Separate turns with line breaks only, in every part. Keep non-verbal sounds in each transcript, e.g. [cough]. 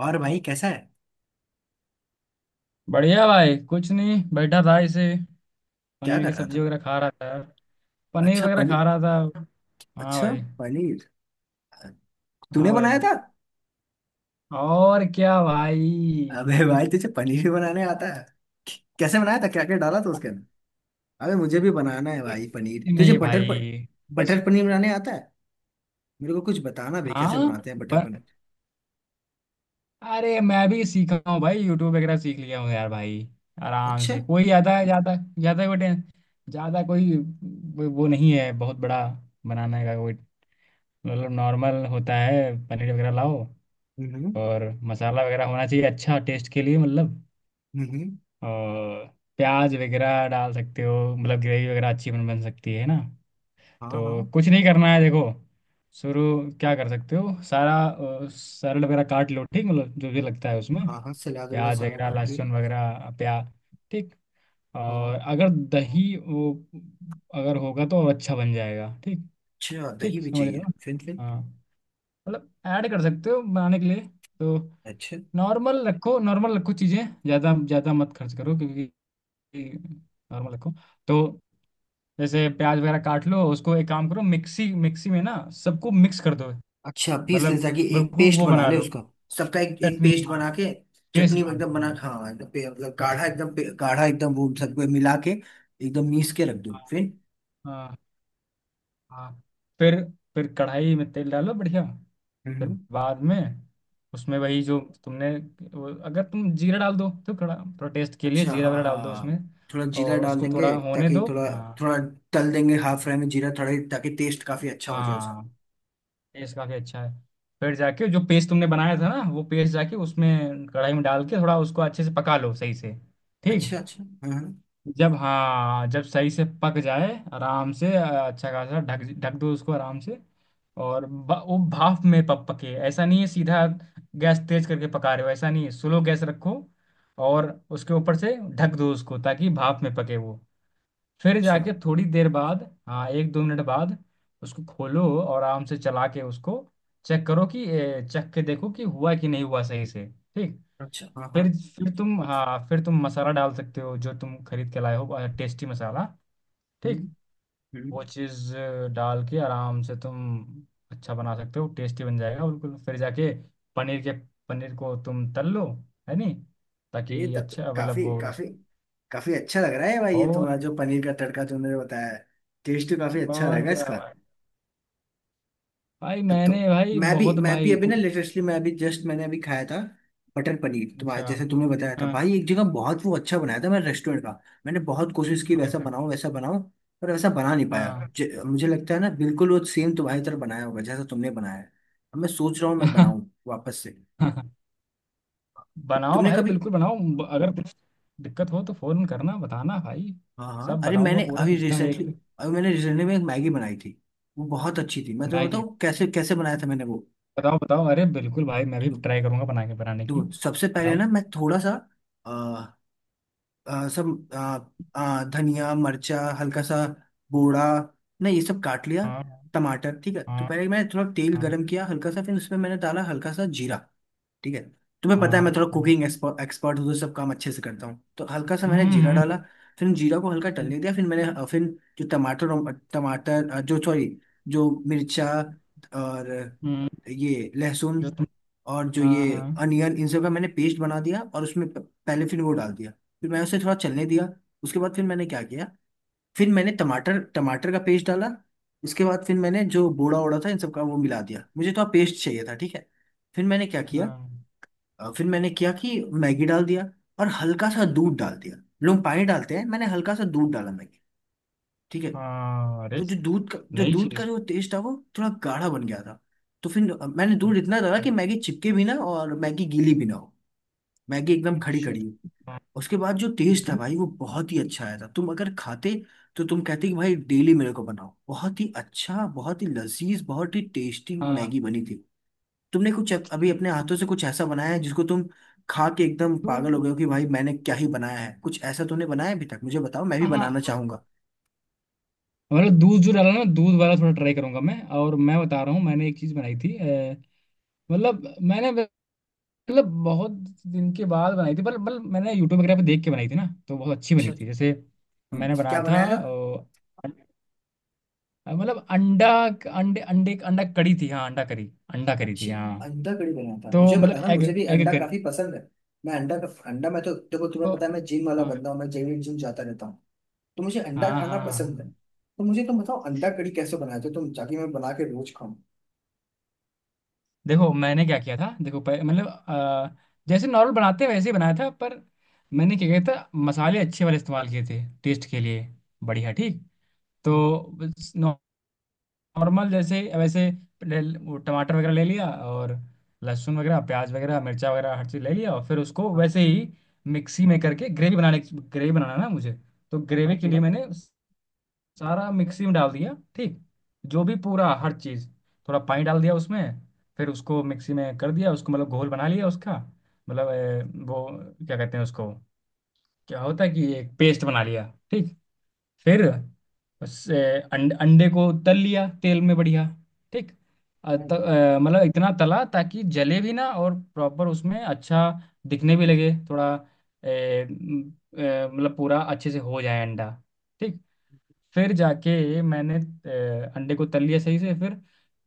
और भाई कैसा है?
बढ़िया भाई। कुछ नहीं बैठा था इसे।
क्या
पनीर
कर
की
रहा
सब्जी
था?
वगैरह खा रहा था। पनीर
अच्छा।
वगैरह खा
पनीर।
रहा था। हाँ
अच्छा।
भाई।
पनीर
हाँ
तूने
भाई।
बनाया था?
और क्या भाई।
अबे भाई तुझे पनीर भी बनाने आता है? कैसे बनाया था, क्या क्या डाला था उसके अंदर? अबे मुझे भी बनाना है भाई पनीर। तुझे
नहीं भाई। बस।
बटर पनीर बनाने आता है? मेरे को कुछ बताना बे, कैसे
हाँ।
बनाते हैं बटर
ब-
पनीर।
अरे मैं भी सीखा हूँ भाई, यूट्यूब वगैरह सीख लिया हूँ यार भाई। आराम
अच्छा।
से, कोई ज्यादा ज्यादा ज्यादा कोई ज्यादा कोई कोई वो नहीं है बहुत बड़ा बनाने का कोई। मतलब नॉर्मल होता है, पनीर वगैरह लाओ
हम्म।
और मसाला वगैरह होना चाहिए अच्छा टेस्ट के लिए। मतलब
हम्म।
और प्याज वगैरह डाल सकते हो, मतलब ग्रेवी वगैरह अच्छी बन बन सकती है ना।
हाँ, हाँ।
तो कुछ नहीं करना है, देखो शुरू। क्या कर सकते हो, सारा सरल वगैरह काट लो ठीक, मतलब जो भी लगता है उसमें,
हाँ, हाँ सलाद वाला
प्याज हाँ
सारा
वगैरह,
काट लिया।
लहसुन वगैरह प्या ठीक। और
हाँ।
अगर दही वो अगर होगा तो और अच्छा बन जाएगा ठीक।
अच्छा
ठीक
दही भी
समझ रहे
चाहिए
हो।
फिर।
हाँ। मतलब ऐड कर सकते हो बनाने के लिए। तो
अच्छा।
नॉर्मल रखो, नॉर्मल रखो चीज़ें। ज़्यादा ज़्यादा मत खर्च करो क्योंकि नॉर्मल रखो। तो जैसे प्याज वगैरह काट लो उसको, एक काम करो, मिक्सी मिक्सी में ना सबको मिक्स कर दो।
अच्छा, पीस ले
मतलब
ताकि एक
बिल्कुल
पेस्ट
वो
बना
बना
ले
लो,
उसका। सबका एक एक
चटनी,
पेस्ट
हाँ।
बना के
पेस्ट
चटनी
बना
एकदम बना।
लो,
हाँ, एकदम मतलब
पेस्ट।
गाढ़ा एकदम गाढ़ा एकदम वो सबको मिला के एकदम मीस के रख दूँ फिर।
हाँ। हाँ। फिर फिर कढ़ाई में तेल डालो बढ़िया। फिर
हम्म।
बाद में उसमें, वही जो तुमने, वो अगर तुम जीरा डाल दो तो कड़ा। थोड़ा टेस्ट के लिए
अच्छा,
जीरा
हाँ,
वगैरह डाल दो
हाँ।
उसमें।
थोड़ा जीरा
और
डाल
उसको
देंगे
थोड़ा होने
ताकि
दो,
थोड़ा।
हाँ।
थोड़ा तल देंगे हाफ फ्राई में जीरा थोड़ा, ताकि टेस्ट काफी अच्छा हो जाए उसका।
हाँ। टेस्ट काफ़ी अच्छा है। फिर जाके जो पेस्ट तुमने बनाया था ना, वो पेस्ट जाके उसमें कढ़ाई में डाल के थोड़ा उसको अच्छे से पका लो सही से। ठीक।
अच्छा, अच्छा, हाँ, हाँ।
जब, हाँ, जब सही से पक जाए, आराम से अच्छा खासा ढक ढक दो उसको आराम से। और वो भाप में पक पके ऐसा नहीं है। सीधा गैस तेज करके पका रहे हो ऐसा नहीं है, स्लो गैस रखो और उसके ऊपर से ढक दो उसको ताकि भाप में पके वो। फिर
अच्छा,
जाके थोड़ी देर बाद, हाँ, एक दो मिनट बाद उसको खोलो और आराम से चला के उसको चेक करो कि चख के देखो कि हुआ कि नहीं हुआ सही से। ठीक।
अच्छा, हाँ, हाँ।
फिर फिर तुम, हाँ, फिर तुम मसाला डाल सकते हो जो तुम खरीद के लाए हो, टेस्टी मसाला।
हम्म।
ठीक।
हम्म।
वो चीज़ डाल के आराम से तुम अच्छा बना सकते हो, टेस्टी बन जाएगा बिल्कुल। फिर जाके पनीर के पनीर को तुम तल लो। है नहीं।
ये
ताकि
तब तो
अच्छा, मतलब
काफी
वो।
काफी काफी अच्छा लग रहा है भाई, ये
और
तुम्हारा जो पनीर का तड़का तुमने बताया है। टेस्ट तो काफी अच्छा
और
रहेगा
क्या
इसका।
भाई। भाई
तब तो
मैंने भाई
मैं भी
बहुत
मैं भी
भाई
अभी ना
कुकिंग।
लेटेस्टली, मैं अभी जस्ट, मैंने अभी खाया था मटर पनीर, तुम्हारा
अच्छा।
जैसे तुमने बताया था
हाँ।
भाई एक जगह बहुत वो अच्छा बनाया था मैं, रेस्टोरेंट का। मैंने बहुत कोशिश की, वैसा
अच्छा।
बनाऊं वैसा बनाऊं, पर वैसा बना नहीं पाया।
हाँ।
मुझे लगता है ना, बिल्कुल वो सेम तुम्हारी तरह बनाया होगा जैसा तुमने बनाया है। अब मैं सोच रहा हूँ मैं बनाऊं वापस से।
[laughs] बनाओ
तुमने
भाई
कभी।
बिल्कुल बनाओ, अगर कुछ दिक्कत हो तो फोन करना बताना भाई।
हाँ, हाँ,
सब
अरे
बताऊंगा
मैंने
पूरा
अभी
सिस्टम
रिसेंटली,
एक।
अभी मैंने रिसेंटली में एक मैगी बनाई थी। वो बहुत अच्छी थी, मैं तुम्हें
मैगी।
बताऊँ कैसे कैसे बनाया था मैंने वो।
बताओ बताओ, अरे बिल्कुल भाई मैं भी ट्राई करूंगा बना के, बनाने की
दो, सबसे पहले
बताओ।
ना मैं थोड़ा सा सब धनिया, मिर्चा, हल्का सा बोड़ा, नहीं ये सब काट लिया।
हाँ।
टमाटर, ठीक है, तो
हाँ।
पहले मैंने थोड़ा तेल
हाँ।
गरम किया हल्का सा, फिर उसमें मैंने डाला हल्का सा जीरा। ठीक है। तुम्हें पता है
हाँ।
मैं थोड़ा
हाँ।
कुकिंग एक्सपर्ट हूँ, तो सब काम अच्छे से करता हूँ, तो हल्का सा मैंने
हम्म।
जीरा डाला।
हम्म।
फिर जीरा को हल्का टलने दिया, फिर मैंने फिर जो टमाटर टमाटर जो सॉरी, जो मिर्चा और
हम्म।
ये लहसुन
जो तुम।
और जो
हाँ।
ये
हाँ।
अनियन, इन सब का मैंने पेस्ट बना दिया और उसमें पहले फिर वो डाल दिया। फिर मैंने उसे थोड़ा चलने दिया। उसके बाद फिर मैंने क्या किया, फिर मैंने टमाटर, टमाटर का पेस्ट डाला। उसके बाद फिर मैंने जो बोड़ा ओड़ा था, इन सब का वो मिला दिया, मुझे तो पेस्ट चाहिए था, ठीक है। फिर मैंने क्या किया,
हाँ।
फिर मैंने किया कि मैगी डाल दिया और हल्का सा दूध
हाँ।
डाल दिया। लोग पानी डालते हैं, मैंने हल्का सा दूध डाला मैगी, ठीक है।
हाँ, अरे
वो जो दूध का जो
नई
दूध का
चीज
जो टेस्ट था वो थोड़ा गाढ़ा बन गया था। तो फिर मैंने दूध इतना डाला कि मैगी चिपके भी ना और मैगी गीली भी ना हो, मैगी एकदम खड़ी
अच्छा।
खड़ी हो।
हाँ,
उसके बाद जो टेस्ट था
दूध।
भाई वो बहुत ही अच्छा आया था, तुम अगर खाते तो तुम कहते कि भाई डेली मेरे को बनाओ, बहुत ही अच्छा, बहुत ही लजीज, बहुत ही टेस्टी मैगी
हाँ।
बनी थी। तुमने कुछ अभी अपने हाथों से कुछ ऐसा बनाया है जिसको तुम खा के एकदम पागल
दूध।
हो गए हो कि भाई मैंने क्या ही बनाया है? कुछ ऐसा तुमने बनाया अभी तक, मुझे बताओ, मैं भी
हाँ। हाँ।
बनाना चाहूंगा।
मतलब दूध जो डाला ना, दूध वाला थोड़ा ट्राई करूंगा मैं। और मैं बता रहा हूँ मैंने एक चीज़ बनाई थी, मतलब मैंने मतलब बहुत दिन के बाद बनाई थी पर, मतलब मैंने यूट्यूब वगैरह पे देख के बनाई थी ना तो बहुत अच्छी
अच्छा,
बनी थी।
अच्छा।
जैसे मैंने बनाया
क्या
था
बनाया था?
मतलब अंडा अंडे अंडे अंडा करी थी, हाँ, अंडा करी। अंडा करी थी, हाँ।
अच्छा, अंडा कड़ी बनाया था,
तो
मुझे
मतलब
बताना,
एग
मुझे भी
एग
अंडा
करी
काफी पसंद है। मैं अंडा का अंडा, मैं तो देखो तुम्हें
तो
पता है मैं जिम वाला
हाँ।
बंदा हूँ, मैं डेली जिम जाता रहता हूँ, तो मुझे अंडा
हाँ।
खाना
हाँ।
पसंद है।
हाँ।
तो मुझे तुम बताओ अंडा कड़ी कैसे बनाते हो तुम, ताकि मैं बना के रोज खाऊं।
देखो मैंने क्या किया था, देखो मतलब जैसे नॉर्मल बनाते हैं वैसे ही बनाया था, पर मैंने क्या किया था, मसाले अच्छे वाले इस्तेमाल किए थे टेस्ट के लिए, बढ़िया ठीक। तो नॉर्मल जैसे वैसे वो टमाटर वगैरह ले लिया, और लहसुन वगैरह, प्याज वगैरह, मिर्चा वगैरह, हर चीज़ ले लिया और फिर उसको
हाँ,
वैसे ही मिक्सी में करके ग्रेवी बनाना है ना मुझे। तो
हाँ, हाँ,
ग्रेवी के
पूरा।
लिए मैंने सारा मिक्सी में डाल दिया ठीक, जो भी पूरा हर चीज़। थोड़ा पानी डाल दिया उसमें। फिर उसको मिक्सी में कर दिया उसको, मतलब घोल बना लिया उसका। मतलब वो, क्या कहते हैं उसको, क्या होता है कि एक पेस्ट बना लिया। ठीक। फिर उस अंडे को तल लिया तेल में बढ़िया। ठीक।
हाँ।
मतलब इतना तला ताकि जले भी ना और प्रॉपर उसमें अच्छा दिखने भी लगे थोड़ा। मतलब पूरा अच्छे से हो जाए अंडा। ठीक। फिर जाके मैंने अंडे को तल लिया सही से। फिर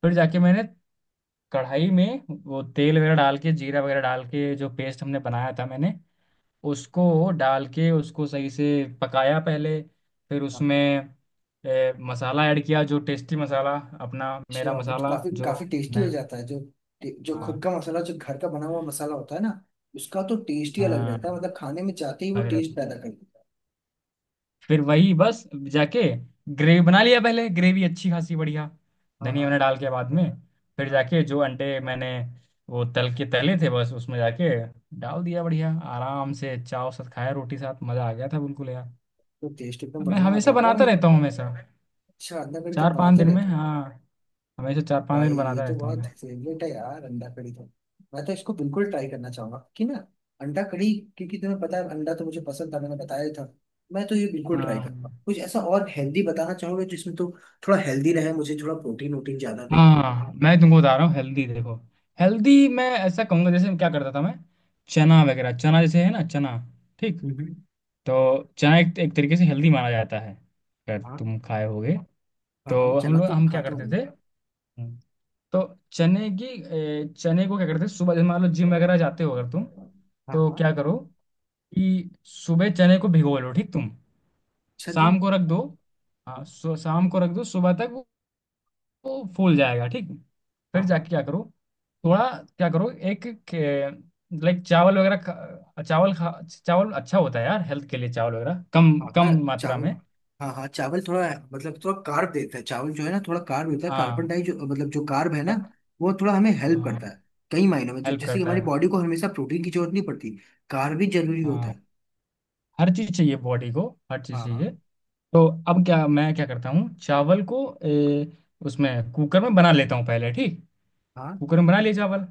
फिर जाके मैंने कढ़ाई में वो तेल वगैरह डाल के, जीरा वगैरह डाल के, जो पेस्ट हमने बनाया था मैंने उसको डाल के उसको सही से पकाया पहले। फिर
हाँ।
उसमें मसाला ऐड किया, जो टेस्टी मसाला अपना, मेरा
अच्छा, वो तो
मसाला
काफी
जो
काफी टेस्टी हो
मैं।
जाता है जो, जो खुद
हाँ।
का मसाला, जो घर का बना हुआ मसाला होता है ना उसका तो टेस्ट ही अलग
हाँ
रहता है, मतलब खाने में जाते ही वो
लग रहा
टेस्ट
था।
पैदा कर देता
फिर वही बस जाके ग्रेवी
है।
बना लिया पहले, ग्रेवी अच्छी खासी बढ़िया
हाँ,
धनिया
हाँ,
वनिया डाल के बाद में। फिर
हाँ।
जाके जो अंडे मैंने वो तल के तले थे, बस उसमें जाके डाल दिया बढ़िया, आराम से चाव साथ खाया, रोटी साथ मज़ा आ गया था बिल्कुल यार।
तो टेस्ट एकदम
मैं
बढ़िया आ
हमेशा
गया होगा
बनाता
भाई तो।
रहता हूँ हमेशा,
अच्छा, अंडा करी तुम
चार पाँच
बनाते
दिन में,
रहते हो?
हाँ। हमेशा चार पांच
भाई
दिन
ये
बनाता
तो
रहता हूँ
बहुत
मैं।
फेवरेट है यार अंडा करी तो। मैं तो इसको बिल्कुल ट्राई करना चाहूंगा कि ना, अंडा करी, क्योंकि तुम्हें पता है अंडा तो मुझे पसंद था, मैंने बताया ही था। मैं तो ये बिल्कुल ट्राई
हाँ।
करूंगा।
हम्म।
कुछ ऐसा और हेल्दी बताना चाहोगे जिसमें तो थोड़ा हेल्दी रहे, मुझे थोड़ा प्रोटीन वोटीन ज्यादा मिले।
हाँ मैं तुमको बता रहा हूँ हेल्दी, देखो हेल्दी मैं ऐसा कहूँगा, जैसे क्या करता था मैं। चना वगैरह, चना जैसे है ना, चना। ठीक। तो चना एक तरीके से हेल्दी माना जाता है, अगर
हम्म।
तुम खाए होगे।
हाँ, हाँ,
तो हम
चना
लोग
तो
हम क्या
खाते
करते
होंगे।
थे। हम्म। तो चने की चने को क्या करते थे सुबह, जैसे मान लो जिम वगैरह जाते हो अगर तुम।
हाँ,
तो
हाँ।
क्या करो कि सुबह चने को भिगो लो ठीक तुम,
अच्छा जी।
शाम को रख दो। हाँ,
हाँ।
शाम को रख दो सुबह तक। वो फूल जाएगा ठीक। फिर जाके
हाँ।
क्या करो, थोड़ा क्या करो एक। लाइक चावल वगैरह चावल खा, चावल अच्छा होता है यार हेल्थ के लिए, चावल वगैरह कम
हाँ, हाँ
कम मात्रा
चावल।
में।
हाँ, हाँ चावल थोड़ा, मतलब थोड़ा कार्ब देता है चावल जो है ना, थोड़ा कार्ब देता है, कार्बन
हाँ
डाई जो, मतलब जो कार्ब है ना वो थोड़ा हमें हेल्प करता
हाँ।
है कई मायनों में।
हेल्प
जैसे कि
करता
हमारी
है।
बॉडी को हमेशा प्रोटीन की जरूरत नहीं पड़ती, कार्ब भी जरूरी होता
हाँ।
है।
हर चीज़ चाहिए बॉडी को, हर चीज़
हाँ, हाँ।
चाहिए। तो अब क्या, मैं क्या करता हूँ, चावल को उसमें कुकर में बना लेता हूँ पहले, ठीक।
हाँ,
कुकर में बना लिए चावल,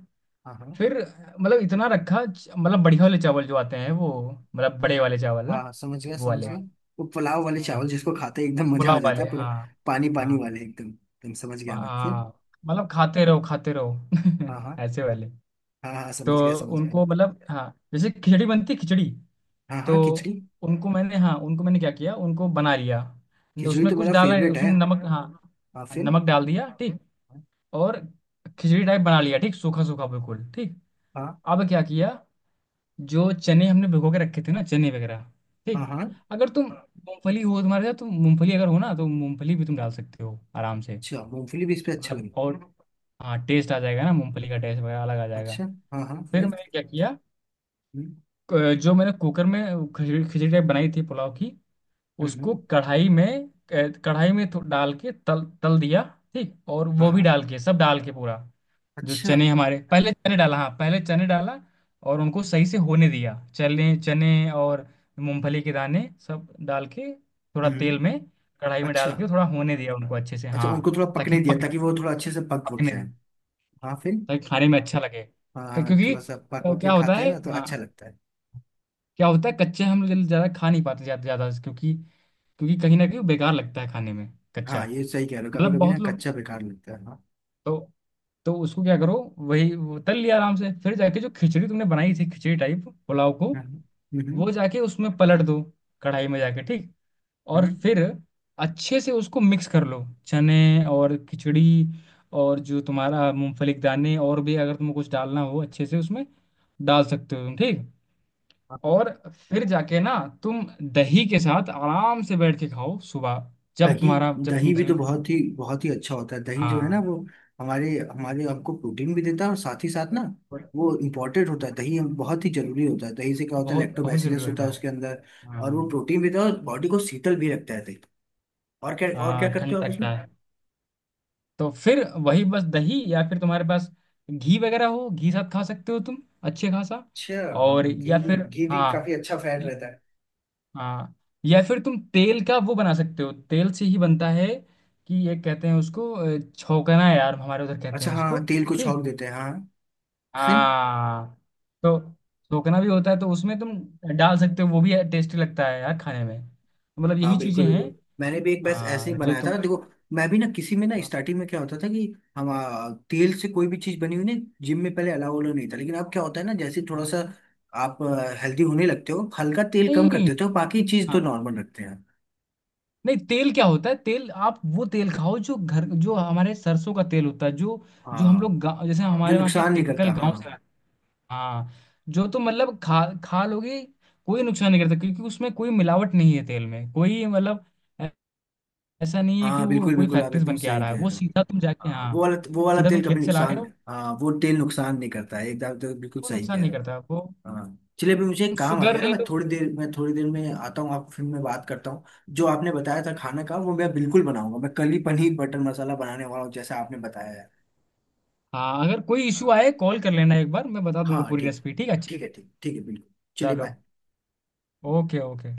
हाँ। हाँ,
फिर, मतलब इतना रखा मतलब बढ़िया वाले चावल जो आते हैं वो, मतलब बड़े वाले चावल
हाँ,
ना,
हाँ, समझ गया,
वो
समझ
वाले।
गया। वो पुलाव वाले
हम्म।
चावल जिसको खाते ही एकदम मजा आ
पुलाव
जाता
वाले,
है पूरा।
हाँ।
पानी
हाँ,
पानी वाले एकदम एकदम, समझ गया मैं, फिर।
हाँ मतलब खाते रहो
हाँ, हाँ।
[laughs] ऐसे वाले।
हाँ, हाँ,
तो
समझ गया, समझ गया।
उनको, मतलब, हाँ, जैसे खिचड़ी बनती है, खिचड़ी।
हाँ,
तो
हाँ, खिचड़ी।
उनको मैंने, हाँ, उनको मैंने क्या किया, उनको बना लिया।
खिचड़ी
उसमें
तो
कुछ
मेरा
डाला है,
फेवरेट
उसमें
है।
नमक, हाँ।
हाँ, फिर।
नमक डाल दिया ठीक। और खिचड़ी टाइप बना लिया ठीक, सूखा सूखा बिल्कुल, ठीक।
हाँ,
अब क्या किया, जो चने हमने भिगो के रखे थे ना, चने वगैरह।
हाँ।
ठीक।
हाँ,
अगर तुम मूंगफली हो तुम्हारे साथ, तुम मूंगफली अगर हो ना तो मूंगफली भी तुम डाल सकते हो आराम से।
अच्छा, मूंगफली भी इस पे, अच्छा
मतलब
लगा।
और, हाँ टेस्ट आ जाएगा ना, मूंगफली का टेस्ट वगैरह अलग आ जाएगा।
अच्छा, हाँ, हाँ,
फिर
फिर।
मैंने क्या किया,
हम्म।
जो मैंने कुकर में खिचड़ी खिचड़ी टाइप बनाई थी पुलाव की,
हम्म।
उसको
हम्म।
कढ़ाई में कढ़ाई में डाल के तल तल दिया ठीक। और
हाँ,
वो भी
हाँ।
डाल के, सब डाल के पूरा। जो
अच्छा।
चने हमारे पहले, चने डाला हाँ, पहले चने डाला और उनको सही से होने दिया, चने चने और मूंगफली के दाने, सब डाल के थोड़ा
हम्म।
तेल में, कढ़ाई में
अच्छा।
डाल के थोड़ा होने दिया उनको अच्छे से,
अच्छा,
हाँ।
उनको थोड़ा
ताकि
पकने दिया
पक
ताकि वो थोड़ा अच्छे से पक वक
पकने
जाए। हाँ, फिर।
ताकि खाने में अच्छा लगे,
हाँ, हाँ,
क्योंकि
थोड़ा सा पक वक
क्या
के
होता
खाते हैं
है,
ना तो
हाँ,
अच्छा लगता है।
क्या होता है कच्चे हम लोग ज्यादा खा नहीं पाते ज्यादा ज्यादा, क्योंकि क्योंकि कहीं ना कहीं वो बेकार लगता है खाने में, कच्चा।
हाँ, ये सही कह रहे हो, कभी
मतलब
कभी ना
बहुत लोग।
कच्चा बेकार लगता है, हाँ।
तो तो उसको क्या करो, वही वो तल लिया आराम से, फिर जाके जो खिचड़ी तुमने बनाई थी खिचड़ी टाइप पुलाव को,
हम्म। हम्म। हम्म।
वो जाके उसमें पलट दो कढ़ाई में जाके ठीक। और
हम्म।
फिर अच्छे से उसको मिक्स कर लो, चने और खिचड़ी और जो तुम्हारा मूंगफली के दाने, और भी अगर तुम कुछ डालना हो अच्छे से उसमें डाल सकते हो तुम ठीक।
हाँ, हाँ,
और फिर जाके ना, तुम दही के साथ आराम से बैठ के खाओ सुबह, जब
दही।
तुम्हारा जब
दही
तुम
भी तो
जिम।
बहुत ही अच्छा होता है, दही जो है
हाँ
ना वो हमारे हमारे आपको प्रोटीन भी देता है और साथ ही साथ ना वो इम्पोर्टेंट होता है। दही बहुत ही जरूरी होता है, दही से क्या होता है,
बहुत बहुत जरूरी
लैक्टोबैसिलस होता है
होता है।
उसके अंदर। और
हाँ।
वो प्रोटीन भी देता है और बॉडी को शीतल भी रखता है दही। और क्या, और क्या
हाँ
करते
ठंड
हो आप
लगता
इसमें?
है। तो फिर वही बस दही, या फिर तुम्हारे पास घी वगैरह हो, घी साथ खा सकते हो तुम अच्छे खासा।
अच्छा।
और
हाँ, घी
या
भी,
फिर,
घी भी
हाँ।
काफी अच्छा फैट रहता है।
हाँ। या फिर तुम तेल का वो बना सकते हो, तेल से ही बनता है, कि ये कहते हैं उसको छौंकना यार, हमारे उधर कहते
अच्छा,
हैं
हाँ,
उसको।
तेल को
ठीक।
छोंक देते हैं, हाँ, फिर।
हाँ। तो छौंकना भी होता है, तो उसमें तुम डाल सकते हो, वो भी टेस्टी लगता है यार खाने में। मतलब
हाँ,
यही
बिल्कुल,
चीजें हैं।
बिल्कुल, मैंने भी एक बैच ऐसे ही
हाँ जो
बनाया
तुम।
था देखो। मैं भी ना किसी में ना
हाँ,
स्टार्टिंग में क्या होता था कि हम तेल से कोई भी चीज बनी हुई ना जिम में पहले अलाउ वाला नहीं था। लेकिन अब क्या होता है ना, जैसे थोड़ा
हाँ।
सा आप हेल्दी होने लगते हो, हल्का तेल कम कर
नहीं,
देते हो, बाकी चीज
हाँ।
तो नॉर्मल रखते हैं।
नहीं, तेल क्या होता है, तेल आप वो तेल खाओ जो घर, जो हमारे सरसों का तेल होता है जो जो हम लोग
हाँ,
गाँव, जैसे
जो
हमारे वहाँ क्या
नुकसान नहीं
टिपिकल
करता, हाँ,
गांव से
हाँ।
आता है। हाँ जो, तो मतलब खा खा लोगे, कोई नुकसान नहीं करता क्योंकि उसमें कोई मिलावट नहीं है तेल में, कोई मतलब ऐ- ऐसा नहीं है कि
हाँ,
वो
बिल्कुल,
कोई
बिल्कुल, आप
फैक्ट्री से
एकदम
बन के आ
सही
रहा है,
कह
वो
रहे हो।
सीधा तुम जाके,
हाँ, वो
हाँ,
वाला वो वाला
सीधा तुम
तेल कभी
खेत से ला रहे
नुकसान,
हो,
हाँ, वो तेल नुकसान नहीं करता है एकदम, तो बिल्कुल
वो
सही
नुकसान
कह
नहीं
रहे
करता वो।
हो। हाँ। चलिए अभी मुझे एक काम आ
शुगर
गया ना,
ले लो।
मैं थोड़ी देर में आता हूँ आपको, फिर मैं बात करता हूँ। जो आपने बताया था खाना का वो मैं बिल्कुल बनाऊंगा, मैं कल ही पनीर बटर मसाला बनाने वाला हूँ जैसा आपने बताया है।
हाँ अगर कोई इशू
हाँ।
आए कॉल कर लेना, एक बार मैं बता दूंगा
हाँ,
पूरी
ठीक है।
रेसिपी, ठीक है, अच्छा।
ठीक है, ठीक, ठीक है, बिल्कुल। चलिए,
चलो।
बाय।
ओके। ओके।